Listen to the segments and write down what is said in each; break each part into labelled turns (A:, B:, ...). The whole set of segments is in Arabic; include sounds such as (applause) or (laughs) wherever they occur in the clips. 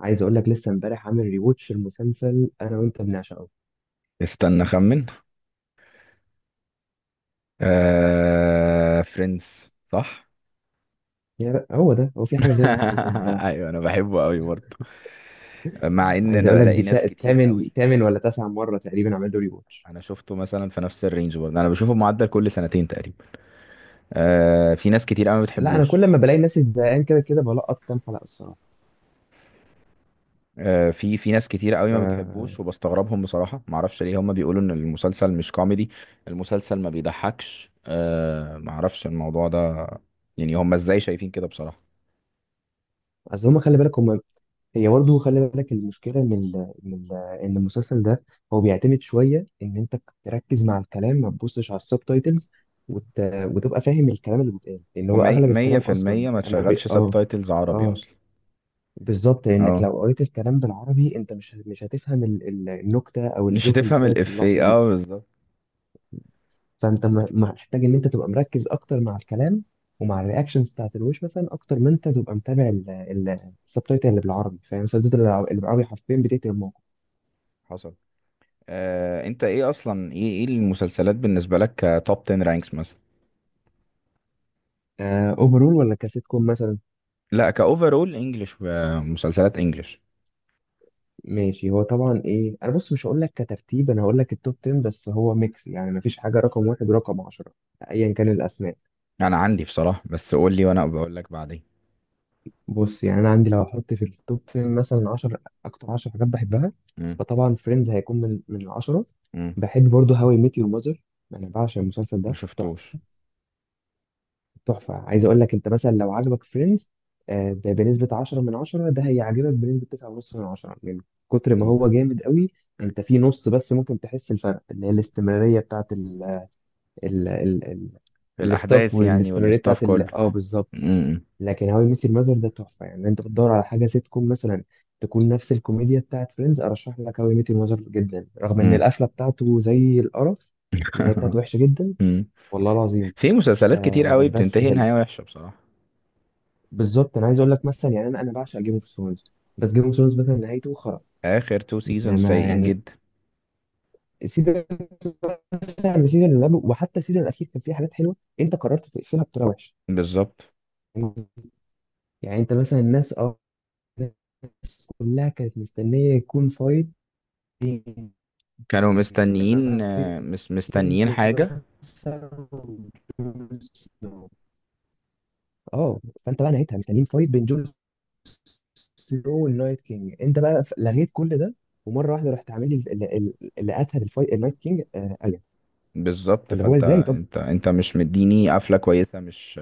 A: عايز اقول لك لسه امبارح عامل ريوتش المسلسل انا وانت بنعشقه.
B: استنى اخمن. فريندز، صح؟
A: يا هو ده هو، في حاجه
B: (laughs)
A: غيرها احنا بنحبها؟
B: ايوه، انا بحبه قوي برضه، مع ان
A: عايز
B: انا
A: اقول لك
B: بلاقي
A: دي
B: ناس
A: شا-
B: كتير قوي.
A: تامن تامن ولا تسع مره تقريبا عملت له ريوتش.
B: انا شفته مثلا في نفس الرينج برضه، انا بشوفه معدل كل سنتين تقريبا. في ناس كتير قوي ما
A: لا، انا
B: بتحبوش.
A: كل ما بلاقي نفسي زهقان كده كده بلقط كام حلقه الصراحه.
B: في ناس كتير قوي ما بتحبوش،
A: ف
B: وبستغربهم بصراحة. ما اعرفش ليه هم بيقولوا ان المسلسل مش كوميدي، المسلسل ما بيضحكش. ما اعرفش الموضوع ده. يعني هم ازاي شايفين كده بصراحة؟
A: اصل هم، خلي بالك، هم، هي برضه، خلي بالك المشكله ان ال... ان المسلسل ده هو بيعتمد شويه ان انت تركز مع الكلام، ما تبصش على السب تايتلز وت... وتبقى فاهم الكلام اللي بيتقال، لان هو
B: ومية
A: اغلب
B: مية
A: الكلام
B: في
A: اصلا
B: المية ما
A: اما بي...
B: تشغلش سب
A: اه
B: تايتلز عربي
A: اه،
B: اصلا.
A: بالظبط. لانك
B: اه،
A: لو قريت الكلام بالعربي انت مش هتفهم النكته او
B: مش
A: الجوك اللي
B: هتفهم
A: اتقالت في اللحظه
B: الافيه،
A: دي.
B: اه، بالظبط.
A: فانت محتاج ان انت تبقى مركز اكتر مع الكلام ومع الرياكشنز بتاعت الوش مثلا، اكتر ما انت تبقى متابع السبتايتل اللي بالعربي. فاهم؟ سدد اللي بالعربي حرفيا بتقتل الموقف.
B: حصل. انت ايه اصلا، ايه المسلسلات بالنسبة لك؟ كتوب 10 رانكس مثلا؟
A: اوفرول ولا كسيت كوم مثلا؟
B: لا، كاوفرول انجلش، مسلسلات انجلش.
A: ماشي. هو طبعا ايه، انا بص، مش هقول لك كترتيب، انا هقول لك التوب 10، بس هو ميكس، يعني مفيش حاجه رقم واحد ورقم 10 ايا كان الاسماء.
B: انا عندي بصراحة، بس قول لي وانا بقول لك بعدين.
A: بص، يعني انا عندي لو احط في التوب 10 مثلا 10، اكتر 10 حاجات بحبها،
B: امم.
A: فطبعا فريندز هيكون من العشرة.
B: امم.
A: بحب برضه هاو اي ميت يور ماذر، انا بعشق المسلسل
B: ما
A: ده، تحفه.
B: شفتوش.
A: تحفه. عايز اقول لك، انت مثلا لو عجبك فريندز بنسبه 10 من 10، ده هيعجبك بنسبه 9.5 من 10، من كتر ما
B: مم.
A: هو جامد قوي. انت في نص بس ممكن تحس الفرق، اللي هي الاستمراريه بتاعت ال ال ال ال الستاف،
B: الاحداث يعني،
A: والاستمراريه
B: والستاف
A: بتاعت
B: كله.
A: بالظبط.
B: امم.
A: لكن هاو اي ميت يور ماذر ده تحفه. يعني انت بتدور على حاجه سيت كوم مثلا تكون نفس الكوميديا بتاعت فريندز، ارشح لك هاو اي ميت يور ماذر جدا، رغم ان
B: امم.
A: القفله بتاعته زي القرف. النهايه بتاعته
B: (laughs)
A: وحشه جدا،
B: امم.
A: والله العظيم.
B: في مسلسلات كتير
A: آه،
B: قوي
A: بس
B: بتنتهي
A: حلو.
B: نهاية وحشة بصراحة.
A: بالظبط، انا عايز اقول لك مثلا، يعني انا بعشق جيم اوف ثرونز، بس جيم اوف ثرونز مثلا نهايته خرا.
B: اخر تو سيزون
A: ما
B: سيئين
A: يعني،
B: جدا.
A: سيزون مثلا من السيزون اللي قبله وحتى السيزون الاخير كان فيه حاجات حلوه، انت قررت تقفلها بطريقه وحشه.
B: بالظبط.
A: يعني انت مثلا، الناس الناس كلها كانت مستنيه يكون فايت.
B: كانوا مستنيين، آه، مس مستنيين حاجة.
A: اه. فانت بقى نهيتها، مستنيين فايت بين جون سنو والنايت كينج، انت بقى لغيت كل ده ومره واحده رحت عامل لي اللي قتل الفايت النايت كينج الين.
B: بالظبط،
A: فاللي هو
B: فانت
A: ازاي؟ طب.
B: انت مش مديني قفلة كويسة. مش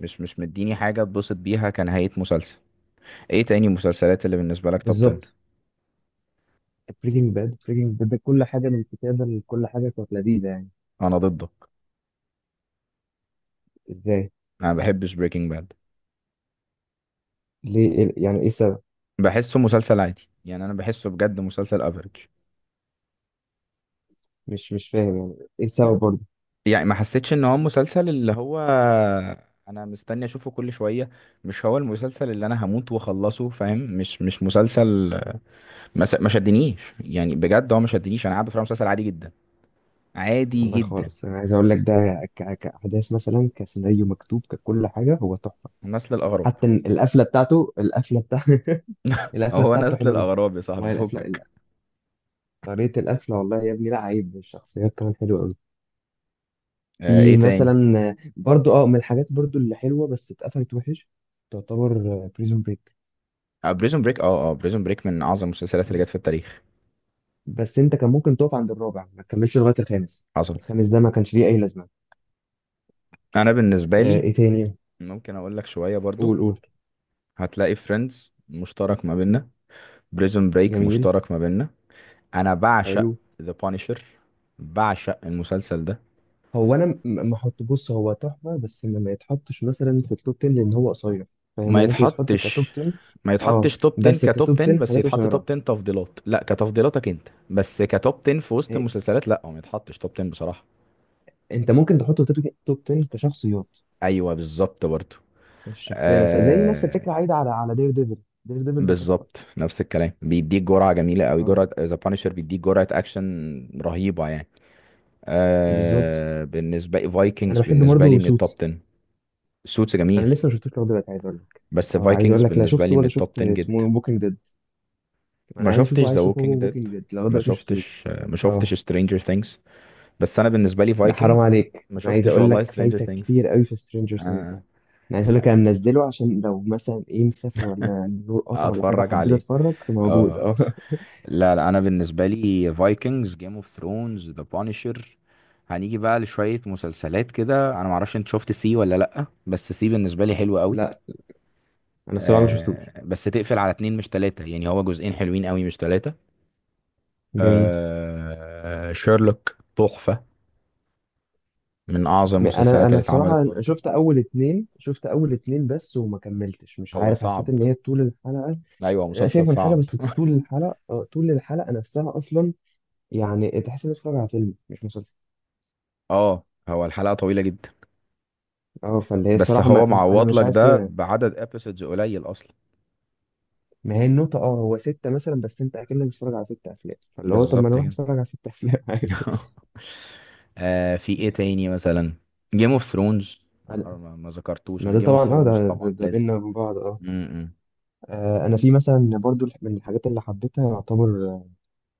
B: مش مش مديني حاجة اتبسط بيها كنهاية مسلسل. ايه تاني مسلسلات اللي بالنسبة لك توب 10؟
A: بالظبط. بريكنج باد. بريكنج باد كل حاجه، من الكتابه، كل حاجه كانت لذيذه يعني.
B: انا ضدك.
A: ازاي؟
B: انا ما بحبش بريكنج باد.
A: ليه؟ يعني ايه السبب؟
B: بحسه مسلسل عادي يعني، انا بحسه بجد مسلسل افريج.
A: مش فاهم يعني ايه السبب برضه.
B: يعني ما حسيتش ان هو مسلسل اللي هو انا مستني اشوفه كل شوية، مش هو المسلسل اللي انا هموت واخلصه، فاهم؟ مش مش مسلسل. ما شدنيش، يعني بجد هو ما شدنيش، انا قاعد بتفرج على مسلسل عادي جدا، عادي
A: والله
B: جدا.
A: خالص، انا عايز اقول لك ده كاحداث مثلا، كسيناريو مكتوب، ككل حاجه هو تحفه.
B: نسل الاغراب.
A: حتى إن القفله بتاعته، القفله بتاع (laughs) القفله
B: هو
A: بتاعته
B: نسل
A: حلوه جدا.
B: الاغراب يا
A: والله
B: صاحبي،
A: القفله
B: فكك.
A: طريقه القفله، والله يا ابني، لا، عيب. الشخصيات كمان حلوه قوي.
B: آه، ايه
A: في
B: تاني؟
A: مثلا برضو من الحاجات برضو اللي حلوه بس اتقفلت وحش، تعتبر، بريزون بريك.
B: آه، بريزون بريك. اه بريزون بريك من اعظم المسلسلات اللي جت في التاريخ.
A: بس انت كان ممكن تقف عند الرابع، ما تكملش لغايه الخامس.
B: حصل.
A: الخامس ده ما كانش ليه اي لازمه.
B: انا بالنسبه لي،
A: ايه تاني؟
B: ممكن اقول لك شويه برضو.
A: قول، قول.
B: هتلاقي فريندز مشترك ما بيننا، بريزون بريك
A: جميل.
B: مشترك ما بيننا. انا بعشق
A: حلو.
B: ذا بانشر، بعشق المسلسل ده.
A: هو انا ما احط، بص هو تحفه، بس ما يتحطش مثلا في التوب 10 لان هو قصير، فاهم.
B: ما
A: هو ممكن يتحط كتوب
B: يتحطش
A: 10.
B: ما
A: اه،
B: يتحطش توب 10
A: بس
B: كتوب
A: كتوب
B: 10،
A: 10
B: بس
A: حاجات
B: يتحط توب
A: قصيره.
B: 10 تفضيلات، لا كتفضيلاتك انت، بس كتوب 10 في وسط
A: إيه،
B: المسلسلات، لا، هو ما يتحطش توب 10 بصراحه.
A: انت ممكن تحطه توب 10 كشخصيات.
B: ايوه بالظبط برضه.
A: الشخصيه نفسها زي نفس الفكره
B: آه
A: عايده على دير ديفل. دير ديفل ده تحفه.
B: بالظبط، نفس الكلام، بيديك جرعه جميله قوي.
A: اه،
B: جرعه ذا بانشر بيديك جرعه اكشن رهيبه يعني.
A: بالظبط.
B: آه، بالنسبه لي
A: انا
B: فايكنجز
A: بحب
B: بالنسبه لي
A: برضه
B: من التوب
A: سوتس،
B: 10. سوتس
A: انا
B: جميل.
A: لسه ما شفتوش لغايه دلوقتي. عايز اقول لك،
B: بس
A: اه، عايز
B: فايكنجز
A: اقول لك، لا
B: بالنسبه
A: شفته
B: لي من
A: ولا
B: التوب
A: شفت
B: 10 جدا.
A: اسمه، بوكينج ديد.
B: ما
A: انا عايز
B: شفتش
A: اشوفه،
B: ذا
A: عايز اشوفه،
B: ووكينج
A: هو
B: ديد.
A: بوكينج ديد لغايه دلوقتي ما شفتوش.
B: ما
A: اه.
B: شفتش سترينجر ثينجز. بس انا بالنسبه لي
A: ده حرام
B: فايكنج.
A: عليك،
B: ما
A: انا عايز
B: شفتش
A: اقول
B: والله
A: لك
B: سترينجر
A: فايتك
B: ثينجز.
A: كتير قوي في سترينجر سينجز
B: آه.
A: ده. انا عايز اقول لك انا منزله، عشان لو مثلا ايه، مسافر ولا النور قطع ولا حاجه
B: اتفرج
A: وحبيت
B: عليه.
A: اتفرج، موجود
B: اه.
A: اه
B: لا، لا، انا بالنسبه لي فايكنجز، جيم اوف ثرونز، ذا بانشر. هنيجي بقى لشويه مسلسلات كده، انا معرفش انت شفت سي ولا لا، بس سي بالنسبه لي حلوه
A: (laughs)
B: قوي.
A: لا، انا الصراحه ما شفتوش.
B: آه، بس تقفل على اتنين مش تلاته، يعني هو جزئين حلوين قوي، مش تلاته.
A: جميل.
B: آه، شيرلوك تحفه، من اعظم
A: انا
B: المسلسلات
A: انا
B: اللي اتعملت
A: الصراحه
B: برضو.
A: شفت اول اتنين، بس وما كملتش، مش
B: هو
A: عارف، حسيت
B: صعب.
A: ان هي طول الحلقه.
B: ايوه هو
A: لا،
B: مسلسل
A: شايف من حاجه،
B: صعب.
A: بس
B: (laughs)
A: طول الحلقه، طول الحلقه نفسها اصلا، يعني تحس انك بتتفرج على فيلم مش مسلسل.
B: اه. هو الحلقه طويله جدا،
A: اه، فاللي هي
B: بس
A: الصراحه
B: هو
A: ما... انا
B: معوض
A: مش
B: لك
A: عايز
B: ده
A: كده.
B: بعدد ابيسودز قليل اصلا.
A: ما هي النقطة، اه، هو ستة مثلا، بس انت اكنك بتتفرج على ست افلام، فاللي هو طب ما
B: بالظبط
A: انا اروح
B: كده.
A: اتفرج على ست افلام (laughs) عادي.
B: (laughs) آه، في ايه تاني مثلا؟ جيم اوف ثرونز.
A: أنا-
B: ما ذكرتوش
A: ما
B: انا،
A: ده
B: جيم اوف
A: طبعا اه،
B: ثرونز طبعا
A: ده
B: لازم.
A: بينا وبين بعض. اه.
B: امم.
A: انا في مثلا برضو من الحاجات اللي حبيتها يعتبر،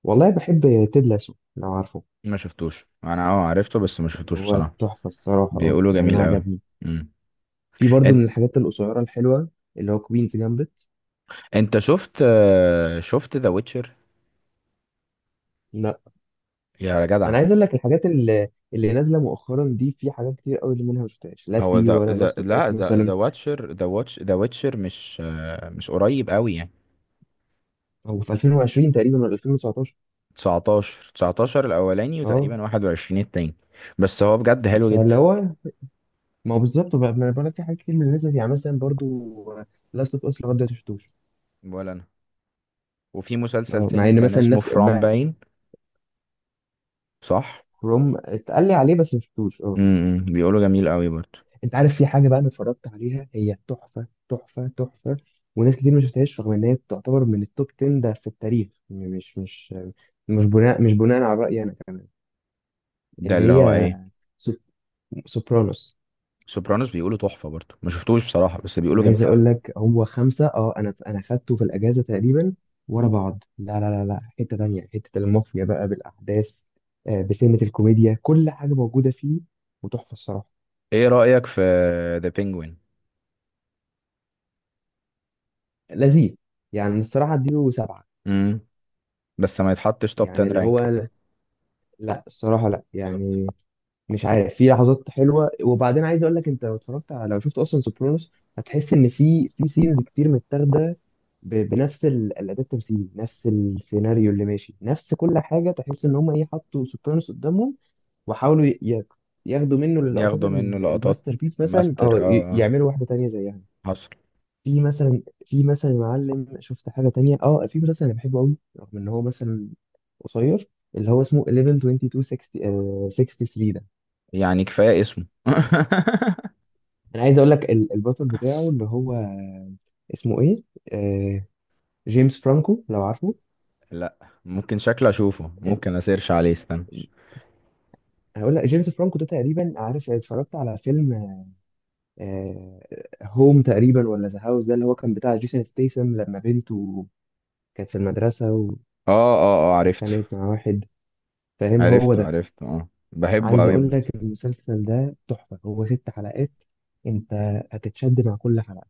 A: والله، بحب تيد لاسو، لو عارفه.
B: ما شفتوش انا، اه، عرفته بس ما شفتوش
A: هو
B: بصراحة.
A: تحفة الصراحة، اه،
B: بيقولوا
A: يعني انا
B: جميل قوي.
A: عجبني.
B: امم.
A: في برضو
B: انت
A: من الحاجات القصيرة الحلوة، اللي هو كوينز جامبت.
B: شفت، ذا ويتشر؟
A: لا.
B: يا جدع.
A: انا عايز اقول لك الحاجات اللي نازلة مؤخرا دي، في حاجات كتير قوي اللي منها ما شفتهاش، لا
B: هو
A: سي
B: ذا
A: ولا
B: ذا
A: لاست اوف
B: لا،
A: اس
B: ذا ذا
A: مثلا.
B: واتشر ذا واتش ذا ويتشر مش قريب قوي يعني.
A: هو في 2020 تقريبا ولا 2019.
B: 19، 19 الاولاني
A: اه،
B: وتقريبا 21 التاني، بس هو بجد حلو
A: فاللي
B: جدا.
A: هو، ما هو بالظبط بقى، ما انا بقول لك، في حاجات كتير من الناس دي. يعني مثلا برضو، لاست اوف اس لغايه دلوقتي ما شفتوش.
B: ولا انا. وفي مسلسل
A: اه، مع
B: تاني
A: ان
B: كان
A: مثلا
B: اسمه
A: الناس
B: فرام باين. صح.
A: روم اتقال لي عليه بس ما شفتوش. اه.
B: امم. بيقولوا جميل قوي برضو.
A: انت عارف في حاجه بقى انا اتفرجت عليها، هي تحفه تحفه تحفه، وناس كتير ما شفتهاش رغم ان هي تعتبر من التوب 10 ده في التاريخ، يعني مش، مش بناء، على رايي انا كمان.
B: ده
A: اللي
B: اللي هو
A: هي
B: ايه؟
A: سوب- سوبرانوس.
B: سوبرانوس؟ بيقولوا تحفة برضو، ما شفتوش بصراحة، بس
A: انا
B: بيقولوا
A: عايز
B: جميل قوي.
A: اقول لك، هو خمسه، اه، انا خدته في الاجازه تقريبا ورا بعض، لا لا لا لا، حته تانية، حته المافيا بقى بالاحداث، بسنه الكوميديا، كل حاجه موجوده فيه، وتحفه الصراحه.
B: ايه رأيك في ذا بينجوين؟
A: لذيذ، يعني الصراحه اديله سبعه،
B: امم. بس ما يتحطش توب
A: يعني
B: 10
A: اللي
B: رانك.
A: هو، لا الصراحه لا
B: بالظبط.
A: يعني، مش عارف، في لحظات حلوه. وبعدين عايز اقول لك، انت لو اتفرجت على، لو شفت اصلا سوبرانوس، هتحس ان في سينز كتير متاخده بنفس الاداء التمثيلي، نفس السيناريو اللي ماشي، نفس كل حاجه، تحس ان هم، ايه، حطوا سوبرانوس قدامهم وحاولوا ياخدوا منه اللقطات
B: ياخدوا منه لقطات
A: الماستر بيس مثلا،
B: ماستر،
A: اه،
B: اه. اه،
A: يعملوا واحده تانية زيها.
B: حصل.
A: في مثلا، يا معلم، شفت حاجه تانية، اه، في مسلسل انا بحبه قوي رغم ان هو مثلا قصير، اللي هو اسمه 11 22 60، 63.
B: يعني كفاية اسمه. (laughs)
A: انا عايز اقول لك البطل بتاعه اللي هو اسمه ايه، آه، جيمس فرانكو، لو عارفه.
B: لا، ممكن شكله اشوفه،
A: ال-
B: ممكن اسيرش عليه، استنى.
A: ج- هقول لك، جيمس فرانكو ده تقريبا، عارف، اتفرجت على فيلم، آه، هوم تقريبا، ولا ذا هاوس، ده اللي هو كان بتاع جيسون ستيسم، لما بنته كانت في المدرسة
B: اه، اه، اه، عرفته،
A: واتخانقت مع واحد، فاهم، هو
B: عرفته،
A: ده.
B: عرفته، اه، بحبه
A: عايز
B: قوي
A: اقول
B: برضه.
A: لك المسلسل ده تحفة، هو ست حلقات، انت هتتشد مع كل حلقة.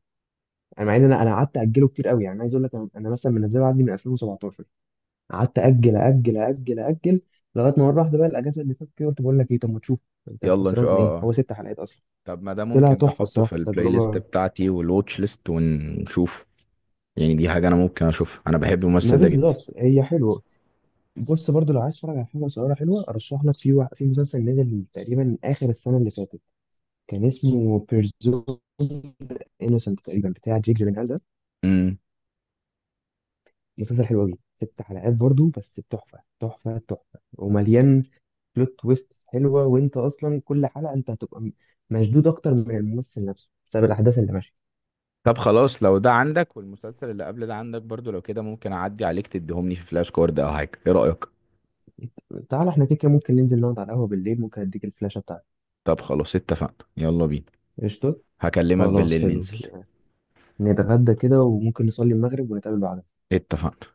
A: انا مع ان انا قعدت اجله كتير قوي، يعني عايز اقول لك، انا مثلا منزله عندي من 2017، قعدت اجل اجل اجل اجل، لغايه ما مره واحده بقى الاجازه اللي فاتت كده قلت، بقول لك ايه، طب ما تشوف، انت
B: يلا نشوف،
A: خسران ايه؟
B: اه اه.
A: هو ست حلقات اصلا.
B: طب ما ده
A: طلع
B: ممكن، ده
A: تحفه
B: احطه في
A: الصراحه،
B: البلاي ليست
A: تجربه.
B: بتاعتي والواتش ليست ونشوفه. يعني دي حاجة انا ممكن اشوفها، انا بحب
A: ما
B: الممثل ده جدا.
A: بالظبط، هي حلوه. بص برضو، لو عايز تتفرج على حاجه صغيره حلوه، ارشح لك في في مسلسل نزل تقريبا اخر السنه اللي فاتت، كان اسمه بيرزون انوسنت تقريبا، بتاع جيك جيلنهال ده.
B: امم.
A: مسلسل حلو قوي، ست حلقات برضو، بس تحفه تحفه تحفه، ومليان بلوت تويست حلوه، وانت اصلا كل حلقه انت هتبقى مشدود اكتر من الممثل نفسه بسبب الاحداث اللي ماشيه.
B: طب خلاص، لو ده عندك والمسلسل اللي قبل ده عندك برضو، لو كده ممكن اعدي عليك تديهم لي في فلاش كارد او حاجة، ايه رأيك؟
A: تعال، احنا كده كده ممكن ننزل نقعد على القهوه بالليل، ممكن اديك الفلاشه بتاعتي.
B: طب خلاص اتفقنا، يلا بينا.
A: قشطه.
B: هكلمك
A: خلاص،
B: بالليل
A: حلو.
B: ننزل.
A: نتغدى كده وممكن نصلي المغرب ونتقابل بعدها.
B: اتفقنا.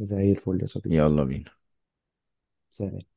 A: زي الفل يا صديقي.
B: يلا بينا.
A: سلام.